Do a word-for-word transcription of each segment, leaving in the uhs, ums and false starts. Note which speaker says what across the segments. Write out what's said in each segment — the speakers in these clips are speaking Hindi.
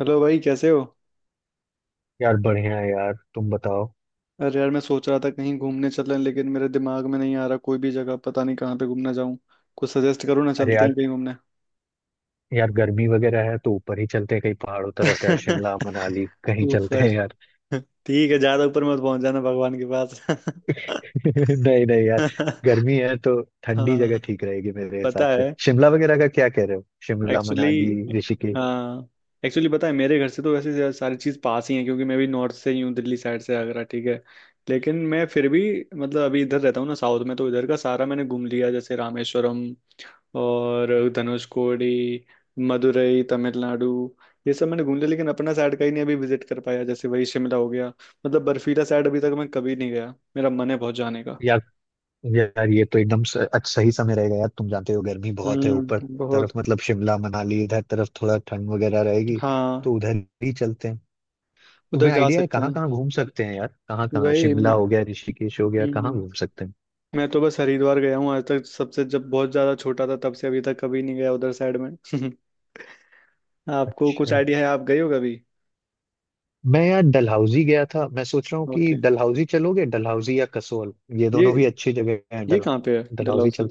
Speaker 1: हेलो भाई, कैसे हो।
Speaker 2: यार बढ़िया है यार तुम बताओ।
Speaker 1: अरे यार मैं सोच रहा था कहीं घूमने चलें, लेकिन मेरे दिमाग में नहीं आ रहा कोई भी जगह। पता नहीं कहाँ पे घूमने जाऊं, कुछ सजेस्ट करो ना,
Speaker 2: अरे
Speaker 1: चलते
Speaker 2: यार।
Speaker 1: हैं कहीं घूमने।
Speaker 2: यार गर्मी वगैरह है तो ऊपर ही चलते हैं कहीं पहाड़ों तरफ यार शिमला मनाली कहीं चलते
Speaker 1: ऊपर?
Speaker 2: हैं यार।
Speaker 1: ठीक है, ज्यादा ऊपर मत पहुंच जाना भगवान के पास।
Speaker 2: नहीं नहीं यार। गर्मी है तो ठंडी जगह
Speaker 1: हाँ,
Speaker 2: ठीक रहेगी मेरे
Speaker 1: पता
Speaker 2: हिसाब से।
Speaker 1: है।
Speaker 2: शिमला वगैरह का क्या कह रहे हो? शिमला
Speaker 1: एक्चुअली
Speaker 2: मनाली ऋषिकेश।
Speaker 1: हाँ, एक्चुअली पता है मेरे घर से तो वैसे ज्यादा सारी चीज़ पास ही है, क्योंकि मैं भी नॉर्थ से ही हूँ। दिल्ली साइड से, आगरा। ठीक है, लेकिन मैं फिर भी मतलब अभी इधर रहता हूँ ना साउथ में, तो इधर का सारा मैंने घूम लिया, जैसे रामेश्वरम और धनुषकोडी, मदुरई, तमिलनाडु। ये सब मैंने घूम लिया, लेकिन अपना साइड का ही नहीं अभी विजिट कर पाया, जैसे वही शिमला हो गया। मतलब बर्फीला साइड अभी तक मैं कभी नहीं गया, मेरा मन है बहुत जाने का।
Speaker 2: यार यार ये तो एकदम स- अच्छा सही समय रहेगा यार तुम जानते हो गर्मी बहुत है ऊपर
Speaker 1: हम्म बहुत।
Speaker 2: तरफ मतलब। शिमला मनाली इधर तरफ थोड़ा ठंड वगैरह रहेगी
Speaker 1: हाँ,
Speaker 2: तो उधर ही चलते हैं।
Speaker 1: उधर
Speaker 2: तुम्हें
Speaker 1: जा
Speaker 2: आइडिया है
Speaker 1: सकते
Speaker 2: कहाँ
Speaker 1: हैं।
Speaker 2: कहाँ घूम सकते हैं यार? कहाँ कहाँ?
Speaker 1: वही
Speaker 2: शिमला
Speaker 1: मैं-
Speaker 2: हो गया ऋषिकेश हो गया कहाँ
Speaker 1: हम्म
Speaker 2: घूम सकते हैं?
Speaker 1: मैं तो बस हरिद्वार गया हूँ आज तक। सबसे जब बहुत ज्यादा छोटा था, तब से अभी तक कभी नहीं गया उधर साइड में। आपको कुछ
Speaker 2: अच्छा।
Speaker 1: आइडिया है, आप गए हो कभी?
Speaker 2: मैं यार डलहौजी गया था। मैं सोच रहा हूँ कि
Speaker 1: ओके।
Speaker 2: डलहौजी चलोगे, डलहौजी या कसोल। ये दोनों भी
Speaker 1: ये
Speaker 2: अच्छी जगह हैं।
Speaker 1: ये
Speaker 2: डल
Speaker 1: कहाँ पे है
Speaker 2: डलहौजी
Speaker 1: डलहौजी,
Speaker 2: चल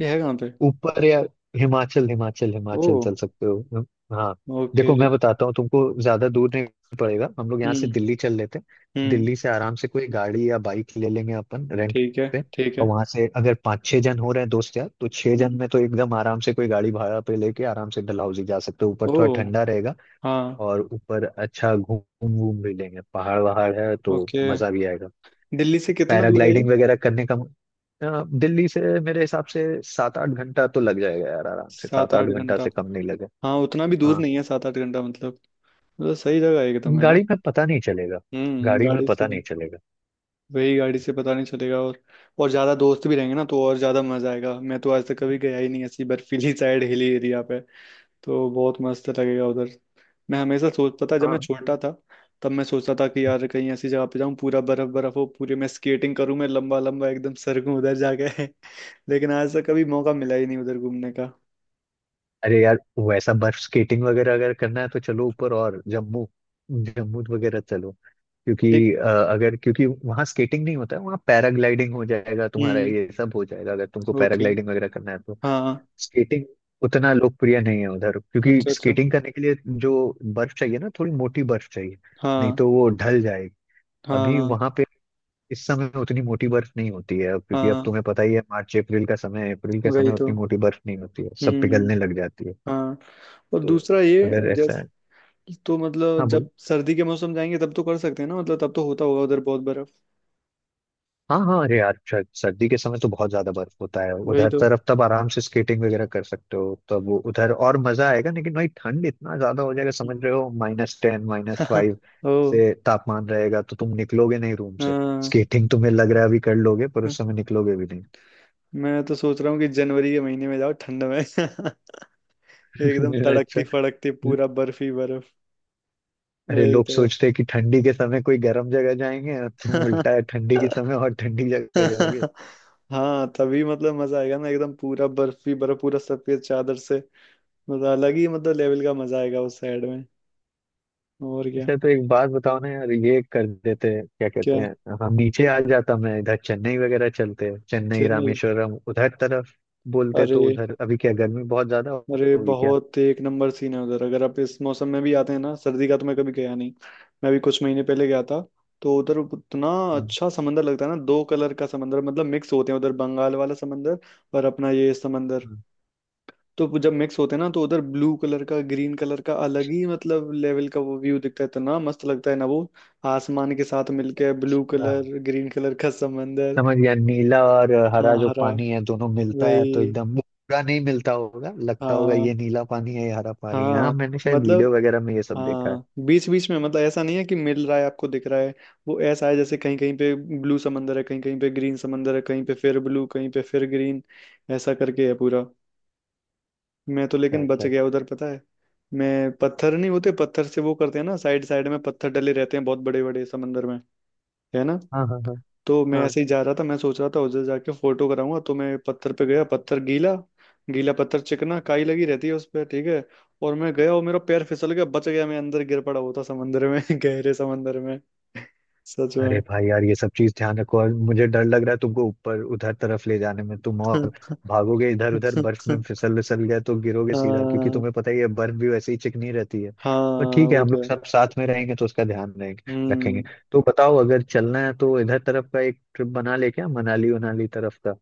Speaker 1: ये है कहाँ पे?
Speaker 2: ऊपर या हिमाचल, हिमाचल
Speaker 1: ओ,
Speaker 2: हिमाचल चल सकते हो हम- हाँ।
Speaker 1: ओके।
Speaker 2: देखो मैं बताता हूँ तुमको, ज्यादा दूर नहीं पड़ेगा। हम लोग यहाँ से
Speaker 1: हम्म।
Speaker 2: दिल्ली चल लेते हैं।
Speaker 1: हम्म।
Speaker 2: दिल्ली से आराम से कोई गाड़ी या बाइक ले लेंगे अपन रेंट
Speaker 1: ठीक है।
Speaker 2: पे।
Speaker 1: ठीक है।
Speaker 2: और वहां से अगर पाँच छह जन हो रहे हैं दोस्त यार तो छह जन
Speaker 1: हम्म।
Speaker 2: में तो एकदम आराम से कोई गाड़ी भाड़ा पे लेके आराम से डलहौजी जा सकते हो। ऊपर
Speaker 1: ओ।
Speaker 2: थोड़ा ठंडा रहेगा
Speaker 1: हाँ।
Speaker 2: और ऊपर अच्छा घूम घूम भी लेंगे, पहाड़ वहाड़ है तो
Speaker 1: ओके।
Speaker 2: मजा भी आएगा।
Speaker 1: दिल्ली से कितना दूर है ये?
Speaker 2: पैराग्लाइडिंग वगैरह करने का। अ, दिल्ली से मेरे हिसाब से सात आठ घंटा तो लग जाएगा यार। आराम से
Speaker 1: सात
Speaker 2: सात आठ
Speaker 1: आठ
Speaker 2: घंटा
Speaker 1: घंटा
Speaker 2: से कम नहीं लगेगा।
Speaker 1: हाँ, उतना भी दूर
Speaker 2: हाँ।
Speaker 1: नहीं है सात आठ घंटा, मतलब तो सही जगह है एकदम, है ना।
Speaker 2: गाड़ी में पता नहीं चलेगा।
Speaker 1: हम्म,
Speaker 2: गाड़ी में
Speaker 1: गाड़ी से
Speaker 2: पता
Speaker 1: भी,
Speaker 2: नहीं चलेगा।
Speaker 1: वही गाड़ी से पता नहीं चलेगा। और और ज्यादा दोस्त भी रहेंगे ना, तो और ज्यादा मजा आएगा। मैं तो आज तक कभी गया ही नहीं ऐसी बर्फीली साइड, हिली एरिया पे, तो बहुत मस्त लगेगा उधर। मैं हमेशा सोचता था जब मैं
Speaker 2: हाँ।
Speaker 1: छोटा था, तब मैं सोचता था कि यार कहीं ऐसी जगह पे जाऊं पूरा बर्फ बर्फ हो, पूरे मैं स्केटिंग करूं, मैं लंबा लंबा एकदम सरकूं उधर जाके। लेकिन आज तक कभी मौका मिला ही नहीं उधर घूमने का।
Speaker 2: अरे यार वैसा बर्फ स्केटिंग वगैरह अगर करना है तो चलो ऊपर और जम्मू, जम्मू वगैरह चलो।
Speaker 1: लेक-
Speaker 2: क्योंकि अ, अगर क्योंकि वहाँ स्केटिंग नहीं होता है, वहाँ पैराग्लाइडिंग हो जाएगा तुम्हारा,
Speaker 1: हम्म
Speaker 2: ये सब हो जाएगा अगर तुमको
Speaker 1: ओके।
Speaker 2: पैराग्लाइडिंग वगैरह करना है तो।
Speaker 1: हाँ।
Speaker 2: स्केटिंग उतना लोकप्रिय नहीं है उधर, क्योंकि
Speaker 1: अच्छा, अच्छा।
Speaker 2: स्केटिंग करने के लिए जो बर्फ चाहिए ना थोड़ी मोटी बर्फ चाहिए, नहीं
Speaker 1: हाँ,
Speaker 2: तो वो ढल जाएगी। अभी
Speaker 1: हाँ,
Speaker 2: वहां पे इस समय उतनी मोटी बर्फ नहीं होती है अब, क्योंकि अब
Speaker 1: हाँ।
Speaker 2: तुम्हें पता ही है मार्च अप्रैल का समय है, अप्रैल के
Speaker 1: वही
Speaker 2: समय
Speaker 1: तो।
Speaker 2: उतनी मोटी बर्फ नहीं होती है, सब
Speaker 1: हम्म।
Speaker 2: पिघलने लग जाती है
Speaker 1: हाँ। और
Speaker 2: तो
Speaker 1: दूसरा ये
Speaker 2: अगर ऐसा
Speaker 1: जैस
Speaker 2: है।
Speaker 1: तो
Speaker 2: हाँ
Speaker 1: मतलब
Speaker 2: बोल।
Speaker 1: जब सर्दी के मौसम जाएंगे, तब तो कर सकते हैं ना, मतलब तब तो होता होगा उधर बहुत बर्फ।
Speaker 2: हाँ हाँ अरे यार श- सर्दी के समय तो बहुत ज्यादा बर्फ होता है
Speaker 1: वही
Speaker 2: उधर
Speaker 1: तो।
Speaker 2: तरफ, तब आराम से स्केटिंग वगैरह कर सकते हो, तब वो उधर और मजा आएगा। लेकिन भाई ठंड इतना ज्यादा हो जाएगा समझ रहे हो, माइनस टेन माइनस फाइव
Speaker 1: ओ,
Speaker 2: से तापमान रहेगा, तो तुम निकलोगे नहीं रूम से।
Speaker 1: हाँ।
Speaker 2: स्केटिंग तुम्हें लग रहा है अभी कर लोगे, पर उस समय निकलोगे भी
Speaker 1: मैं तो सोच रहा हूँ कि जनवरी के महीने में जाओ ठंड में। एकदम
Speaker 2: नहीं। अच्छा।
Speaker 1: तड़कती फड़कती, पूरा बर्फ ही बर्फ।
Speaker 2: अरे
Speaker 1: वही
Speaker 2: लोग
Speaker 1: तो।
Speaker 2: सोचते हैं कि ठंडी के समय कोई गर्म जगह जाएंगे, तुम उल्टा है, ठंडी के समय और ठंडी जगह जाओगे।
Speaker 1: हाँ, तभी मतलब मजा आएगा ना। एकदम पूरा बर्फ ही बर्फ, पूरा सफेद चादर से, मतलब अलग ही मतलब लेवल का मजा आएगा उस साइड में। और क्या।
Speaker 2: अच्छा तो एक बात बताओ ना यार, ये कर देते क्या कहते
Speaker 1: क्या,
Speaker 2: हैं, हम नीचे आ जाता मैं, इधर चेन्नई वगैरह चलते, चेन्नई
Speaker 1: चेन्नई?
Speaker 2: रामेश्वरम उधर तरफ बोलते तो,
Speaker 1: अरे,
Speaker 2: उधर अभी क्या गर्मी बहुत ज्यादा
Speaker 1: अरे
Speaker 2: होगी क्या?
Speaker 1: बहुत एक नंबर सीन है उधर। अगर आप इस मौसम में भी आते हैं ना, सर्दी का तो मैं कभी गया नहीं, मैं भी कुछ महीने पहले गया था, तो उधर इतना
Speaker 2: हम्म।
Speaker 1: अच्छा समंदर लगता है ना। दो कलर का समंदर, मतलब मिक्स होते हैं उधर बंगाल वाला समंदर और अपना ये समंदर।
Speaker 2: हम्म।
Speaker 1: तो जब मिक्स होते हैं ना, तो उधर ब्लू कलर का, ग्रीन कलर का, अलग ही मतलब लेवल का वो व्यू दिखता है, इतना मस्त लगता है ना वो। आसमान के साथ मिलके ब्लू
Speaker 2: अच्छा,
Speaker 1: कलर, ग्रीन कलर का समंदर।
Speaker 2: समझ गया। नीला और
Speaker 1: हाँ,
Speaker 2: हरा जो
Speaker 1: हरा,
Speaker 2: पानी है दोनों मिलता है तो
Speaker 1: वही,
Speaker 2: एकदम पूरा नहीं मिलता होगा, लगता होगा
Speaker 1: हाँ,
Speaker 2: ये नीला पानी है ये हरा पानी है। हाँ
Speaker 1: हाँ,
Speaker 2: मैंने शायद
Speaker 1: मतलब,
Speaker 2: वीडियो वगैरह में ये सब देखा है।
Speaker 1: हाँ, बीच बीच में। मतलब ऐसा नहीं है कि मिल रहा है आपको दिख रहा है, वो ऐसा है जैसे कहीं कहीं पे ब्लू समंदर है, कहीं कहीं पे ग्रीन समंदर है, कहीं पे फिर ब्लू, कहीं पे फिर ग्रीन, ऐसा करके है पूरा। मैं तो
Speaker 2: अच्छा
Speaker 1: लेकिन बच
Speaker 2: अच्छा।
Speaker 1: गया उधर पता है। मैं, पत्थर नहीं होते, पत्थर से वो करते हैं ना, साइड साइड में पत्थर डले रहते हैं, बहुत बड़े बड़े समंदर में, है ना।
Speaker 2: हाँ हाँ हाँ
Speaker 1: तो मैं
Speaker 2: हाँ।
Speaker 1: ऐसे ही जा रहा था, मैं सोच रहा था उधर जाके फोटो कराऊंगा, तो मैं पत्थर पे गया, पत्थर गीला, गीला पत्थर चिकना, काई लगी रहती है उस पर, ठीक है। और मैं गया, और मेरा पैर फिसल गया, बच गया मैं, अंदर गिर पड़ा होता समंदर में, गहरे समंदर में, सच
Speaker 2: अरे
Speaker 1: में।
Speaker 2: भाई यार ये सब चीज ध्यान रखो। और मुझे डर लग रहा है तुमको ऊपर उधर तरफ ले जाने में। तुम और भागोगे इधर उधर, बर्फ में फिसल विसल गए तो गिरोगे सीधा, क्योंकि
Speaker 1: हाँ,
Speaker 2: तुम्हें पता ही है बर्फ भी वैसे ही चिकनी रहती है।
Speaker 1: हाँ
Speaker 2: पर ठीक है
Speaker 1: वो
Speaker 2: हम
Speaker 1: तो
Speaker 2: लोग
Speaker 1: है।
Speaker 2: सब साथ में रहेंगे तो उसका ध्यान रहेंगे
Speaker 1: हम्म।
Speaker 2: रखेंगे। तो बताओ, अगर चलना है तो इधर तरफ का एक ट्रिप बना ले क्या, मनाली उनाली तरफ का।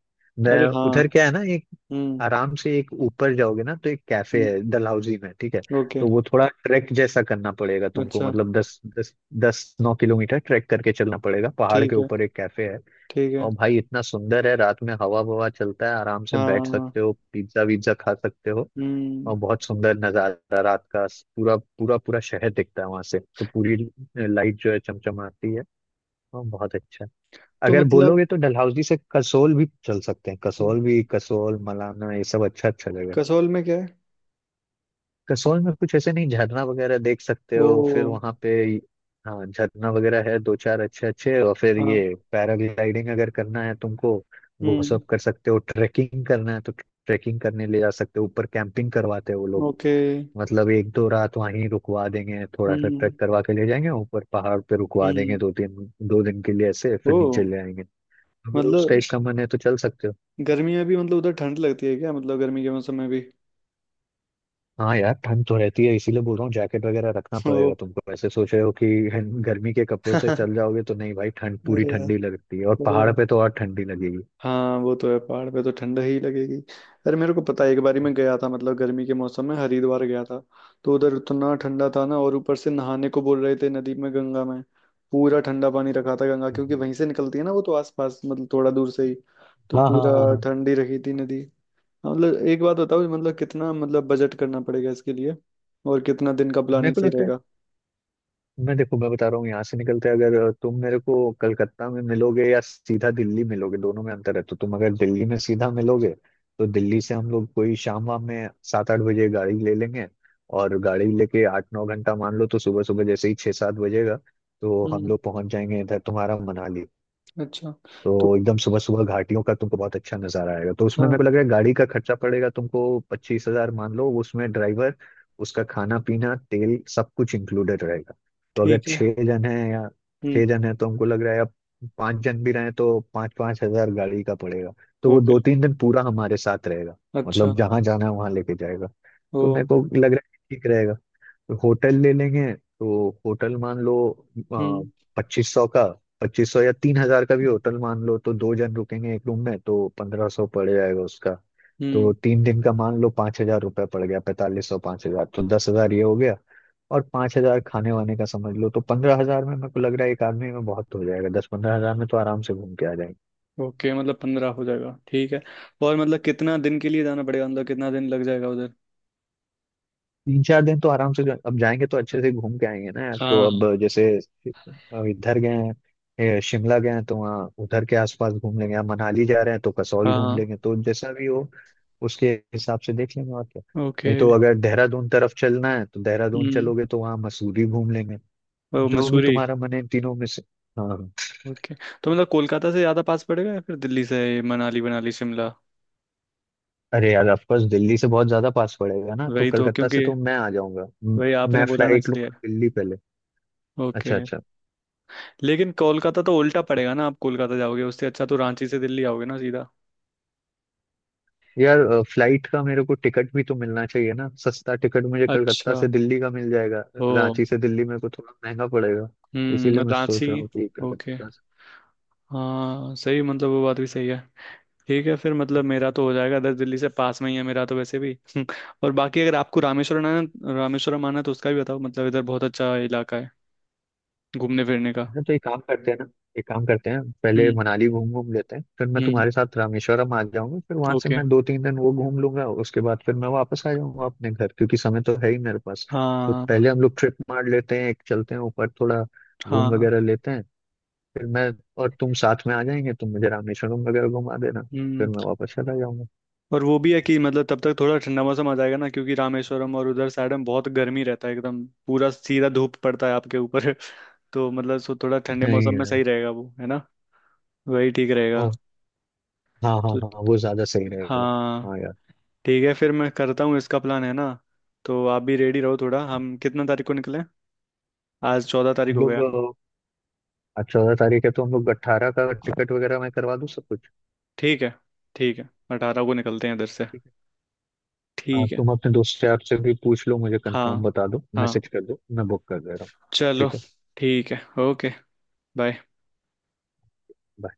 Speaker 2: मैं
Speaker 1: अरे हाँ।
Speaker 2: उधर क्या है ना,
Speaker 1: हम्म।
Speaker 2: आराम से एक ऊपर जाओगे ना तो एक कैफे
Speaker 1: हम्म,
Speaker 2: है डलहौजी में, ठीक है।
Speaker 1: ओके,
Speaker 2: तो वो थोड़ा ट्रैक जैसा करना पड़ेगा तुमको,
Speaker 1: अच्छा,
Speaker 2: मतलब दस दस, दस नौ किलोमीटर ट्रैक करके चलना पड़ेगा, पहाड़ के
Speaker 1: ठीक है,
Speaker 2: ऊपर एक कैफे है।
Speaker 1: ठीक है।
Speaker 2: और भाई इतना सुंदर है, रात में हवा ववा चलता है, आराम से
Speaker 1: हाँ,
Speaker 2: बैठ
Speaker 1: हाँ,
Speaker 2: सकते हो, पिज्जा विज्जा खा सकते हो। और
Speaker 1: हम्म।
Speaker 2: बहुत सुंदर नजारा रात का, पूरा पूरा पूरा शहर दिखता है वहां से, तो पूरी लाइट जो है चमचमाती है। और बहुत अच्छा है।
Speaker 1: तो
Speaker 2: अगर
Speaker 1: मतलब
Speaker 2: बोलोगे तो डलहौजी से कसोल भी चल सकते हैं, कसोल भी, कसोल मलाना ये सब अच्छा अच्छा जगह है।
Speaker 1: कसौल में क्या है?
Speaker 2: कसौल में कुछ ऐसे नहीं, झरना वगैरह देख सकते
Speaker 1: ओ।
Speaker 2: हो फिर वहां पे। हाँ झरना वगैरह है दो चार, अच्छे अच्छे। और फिर ये
Speaker 1: हाँ।
Speaker 2: पैराग्लाइडिंग अगर करना है तुमको वो
Speaker 1: हम्म।
Speaker 2: सब कर सकते हो। ट्रैकिंग करना है तो ट्रैकिंग करने ले जा सकते हो ऊपर। कैंपिंग करवाते हैं वो लोग।
Speaker 1: ओके।
Speaker 2: मतलब एक दो रात वहीं रुकवा देंगे, थोड़ा सा
Speaker 1: हम्म।
Speaker 2: ट्रैक करवा के ले जाएंगे ऊपर पहाड़ पे, रुकवा देंगे
Speaker 1: हम्म।
Speaker 2: दो तीन, दो दिन के लिए ऐसे,
Speaker 1: ओ।
Speaker 2: फिर नीचे ले आएंगे। अगर उस टाइप
Speaker 1: मतलब
Speaker 2: का मन है तो चल सकते हो।
Speaker 1: गर्मी में भी मतलब उधर ठंड लगती है क्या, मतलब गर्मी के मौसम में भी?
Speaker 2: हाँ यार ठंड तो रहती है, इसीलिए बोल रहा हूँ जैकेट वगैरह रखना
Speaker 1: ओ।
Speaker 2: पड़ेगा तुमको। ऐसे सोच रहे हो कि हन- गर्मी के कपड़ों से चल जाओगे तो नहीं भाई, ठंड पूरी
Speaker 1: अरे यार।
Speaker 2: ठंडी लगती है, और
Speaker 1: ओ,
Speaker 2: पहाड़ पे तो और ठंडी लगेगी।
Speaker 1: हाँ वो तो है, पहाड़ पे तो ठंड ही लगेगी। अरे मेरे को पता है, एक बारी मैं गया था, मतलब गर्मी के मौसम में हरिद्वार गया था। तो उधर इतना ठंडा था ना, और ऊपर से नहाने को बोल रहे थे नदी में, गंगा में। पूरा ठंडा पानी रखा था गंगा, क्योंकि
Speaker 2: हम्म।
Speaker 1: वहीं से निकलती है ना वो, तो आसपास मतलब थोड़ा दूर से ही, तो
Speaker 2: हाँ हाँ
Speaker 1: पूरा
Speaker 2: हाँ हाँ।
Speaker 1: ठंडी रखी थी नदी। हाँ, मतलब एक बात बताओ, मतलब कितना, मतलब बजट करना पड़ेगा इसके लिए और कितना दिन का
Speaker 2: मेरे
Speaker 1: प्लानिंग
Speaker 2: को
Speaker 1: सही
Speaker 2: लगता है,
Speaker 1: रहेगा?
Speaker 2: मैं देखो मैं बता रहा हूँ, यहाँ से निकलते हैं, अगर तुम मेरे को कलकत्ता में मिलोगे या सीधा दिल्ली मिलोगे, दोनों में अंतर है, तो तुम अगर दिल्ली में सीधा मिलोगे तो दिल्ली से हम लोग कोई शाम वाम में सात आठ बजे गाड़ी ले लेंगे, और गाड़ी लेके आठ नौ घंटा मान लो तो सुबह सुबह जैसे ही छः सात बजेगा तो हम
Speaker 1: हम्म।
Speaker 2: लोग पहुंच जाएंगे इधर तुम्हारा मनाली।
Speaker 1: अच्छा। तो
Speaker 2: तो एकदम सुबह सुबह घाटियों का तुमको बहुत अच्छा नजारा आएगा। तो उसमें मेरे को
Speaker 1: हाँ,
Speaker 2: लग रहा है गाड़ी का खर्चा पड़ेगा तुमको पच्चीस हजार मान लो। उसमें ड्राइवर, उसका खाना पीना तेल सब कुछ इंक्लूडेड रहेगा। तो अगर
Speaker 1: ठीक है।
Speaker 2: छह जन है, या
Speaker 1: हम्म।
Speaker 2: छह जन है तो हमको लग रहा है अब, पांच जन भी रहे तो पाँच पाँच हजार गाड़ी का पड़ेगा। तो वो
Speaker 1: ओके,
Speaker 2: दो तीन दिन पूरा हमारे साथ रहेगा,
Speaker 1: अच्छा।
Speaker 2: मतलब जहां जाना है वहां लेके जाएगा। तो
Speaker 1: ओ।
Speaker 2: मेरे को लग रहा है ठीक रहेगा। होटल ले लेंगे। तो होटल मान लो
Speaker 1: हम्म,
Speaker 2: पच्चीस सौ का, पच्चीस सौ या तीन हजार का भी होटल मान लो, तो दो जन रुकेंगे एक रूम में तो पंद्रह सौ पड़ जाएगा उसका। तो
Speaker 1: हम्म।
Speaker 2: तीन दिन का मान लो पाँच हजार रुपये पड़ गया, पैंतालीस सौ पाँच हजार, तो दस हजार ये हो गया और पाँच हजार खाने वाने का समझ लो, तो पंद्रह हजार में मेरे को लग रहा है एक आदमी में बहुत हो जाएगा। दस पंद्रह हजार में तो आराम से घूम के आ जाएंगे।
Speaker 1: ओके, मतलब पंद्रह हो जाएगा, ठीक है। और मतलब कितना दिन के लिए जाना पड़ेगा, मतलब कितना दिन लग जाएगा उधर?
Speaker 2: तीन चार दिन तो आराम से जो- अब जाएंगे तो अच्छे से घूम के आएंगे ना यार। तो
Speaker 1: हाँ।
Speaker 2: अब जैसे अब इधर गए हैं, ए, शिमला गए हैं तो वहाँ उधर के आसपास घूम लेंगे। अब मनाली जा रहे हैं तो कसौल घूम
Speaker 1: हाँ।
Speaker 2: लेंगे, तो जैसा भी हो उसके हिसाब से देख लेंगे और क्या।
Speaker 1: ओके।
Speaker 2: नहीं तो अगर देहरादून तरफ चलना है तो देहरादून
Speaker 1: हम्म।
Speaker 2: चलोगे तो वहाँ मसूरी घूम लेंगे।
Speaker 1: ओ,
Speaker 2: जो भी
Speaker 1: मसूरी।
Speaker 2: तुम्हारा मन है इन तीनों में से। हाँ हाँ।
Speaker 1: ओके। तो मतलब कोलकाता से ज़्यादा पास पड़ेगा या फिर दिल्ली से? मनाली मनाली शिमला?
Speaker 2: अरे यार ऑफकोर्स दिल्ली से बहुत ज्यादा पास पड़ेगा ना, तो
Speaker 1: वही तो,
Speaker 2: कलकत्ता से
Speaker 1: क्योंकि
Speaker 2: तो मैं आ जाऊंगा म-
Speaker 1: वही आपने
Speaker 2: मैं
Speaker 1: बोला ना
Speaker 2: फ्लाइट
Speaker 1: इसलिए।
Speaker 2: लूंगा दिल्ली पहले।
Speaker 1: ओके।
Speaker 2: अच्छा अच्छा।
Speaker 1: लेकिन कोलकाता तो उल्टा पड़ेगा ना, आप कोलकाता जाओगे, उससे अच्छा तो रांची से दिल्ली आओगे ना सीधा।
Speaker 2: यार अ, फ्लाइट का मेरे को टिकट भी तो मिलना चाहिए ना, सस्ता टिकट। मुझे कलकत्ता
Speaker 1: अच्छा।
Speaker 2: से दिल्ली का मिल जाएगा।
Speaker 1: ओ।
Speaker 2: रांची से दिल्ली मेरे को थोड़ा महंगा पड़ेगा,
Speaker 1: हम्म,
Speaker 2: इसीलिए मैं
Speaker 1: रांची।
Speaker 2: सोच रहा हूँ कि
Speaker 1: ओके।
Speaker 2: कलकत्ता से।
Speaker 1: हाँ सही, मतलब वो बात भी सही है। ठीक है फिर, मतलब मेरा तो हो जाएगा, इधर दिल्ली से पास में ही है मेरा तो वैसे भी। और बाकी अगर आपको रामेश्वरम आना, रामेश्वरम आना है तो उसका भी बताओ, मतलब इधर बहुत अच्छा इलाका है घूमने फिरने का।
Speaker 2: हाँ, तो एक काम करते हैं ना, एक काम करते हैं, पहले
Speaker 1: हम्म।
Speaker 2: मनाली घूम घूम लेते हैं, फिर मैं
Speaker 1: हम्म।
Speaker 2: तुम्हारे साथ रामेश्वरम आ जाऊंगा। फिर वहां से
Speaker 1: ओके।
Speaker 2: मैं दो तीन दिन वो घूम लूंगा, उसके बाद फिर मैं वापस आ जाऊंगा अपने घर, क्योंकि समय तो है ही मेरे पास। तो
Speaker 1: हाँ।
Speaker 2: पहले हम लोग ट्रिप मार लेते हैं एक, चलते हैं ऊपर थोड़ा घूम
Speaker 1: हाँ।
Speaker 2: वगैरह लेते हैं। फिर मैं और तुम साथ में आ जाएंगे, तुम मुझे रामेश्वरम वगैरह घुमा देना, फिर
Speaker 1: हम्म।
Speaker 2: मैं वापस चला जाऊंगा।
Speaker 1: और वो भी है कि मतलब तब तक थोड़ा ठंडा मौसम आ जाएगा ना, क्योंकि रामेश्वरम और उधर साइड में बहुत गर्मी रहता है, एकदम पूरा सीधा धूप पड़ता है आपके ऊपर। तो मतलब सो थोड़ा ठंडे
Speaker 2: नहीं
Speaker 1: मौसम में
Speaker 2: यार।
Speaker 1: सही रहेगा, वो है ना, वही ठीक रहेगा।
Speaker 2: ओ हाँ हाँ
Speaker 1: तो
Speaker 2: हाँ वो ज्यादा सही रहेगा।
Speaker 1: हाँ,
Speaker 2: हाँ यार।
Speaker 1: ठीक है फिर मैं करता हूँ इसका प्लान, है ना। तो आप भी रेडी रहो थोड़ा। हम कितना तारीख को निकलें, आज चौदह तारीख
Speaker 2: हम
Speaker 1: हो
Speaker 2: लोग
Speaker 1: गया।
Speaker 2: अ, आज चौदह तारीख है, तो हम लोग अट्ठारह का टिकट वगैरह मैं करवा दूँ सब कुछ।
Speaker 1: ठीक है। ठीक है, अठारह को निकलते हैं इधर से।
Speaker 2: ठीक है। हाँ
Speaker 1: ठीक है।
Speaker 2: तुम अपने दोस्त यार से भी पूछ लो, मुझे कंफर्म
Speaker 1: हाँ।
Speaker 2: बता दो,
Speaker 1: हाँ।
Speaker 2: मैसेज कर दो, मैं बुक कर दे रहा हूँ।
Speaker 1: चलो।
Speaker 2: ठीक है
Speaker 1: ठीक है। ओके। बाय।
Speaker 2: bye।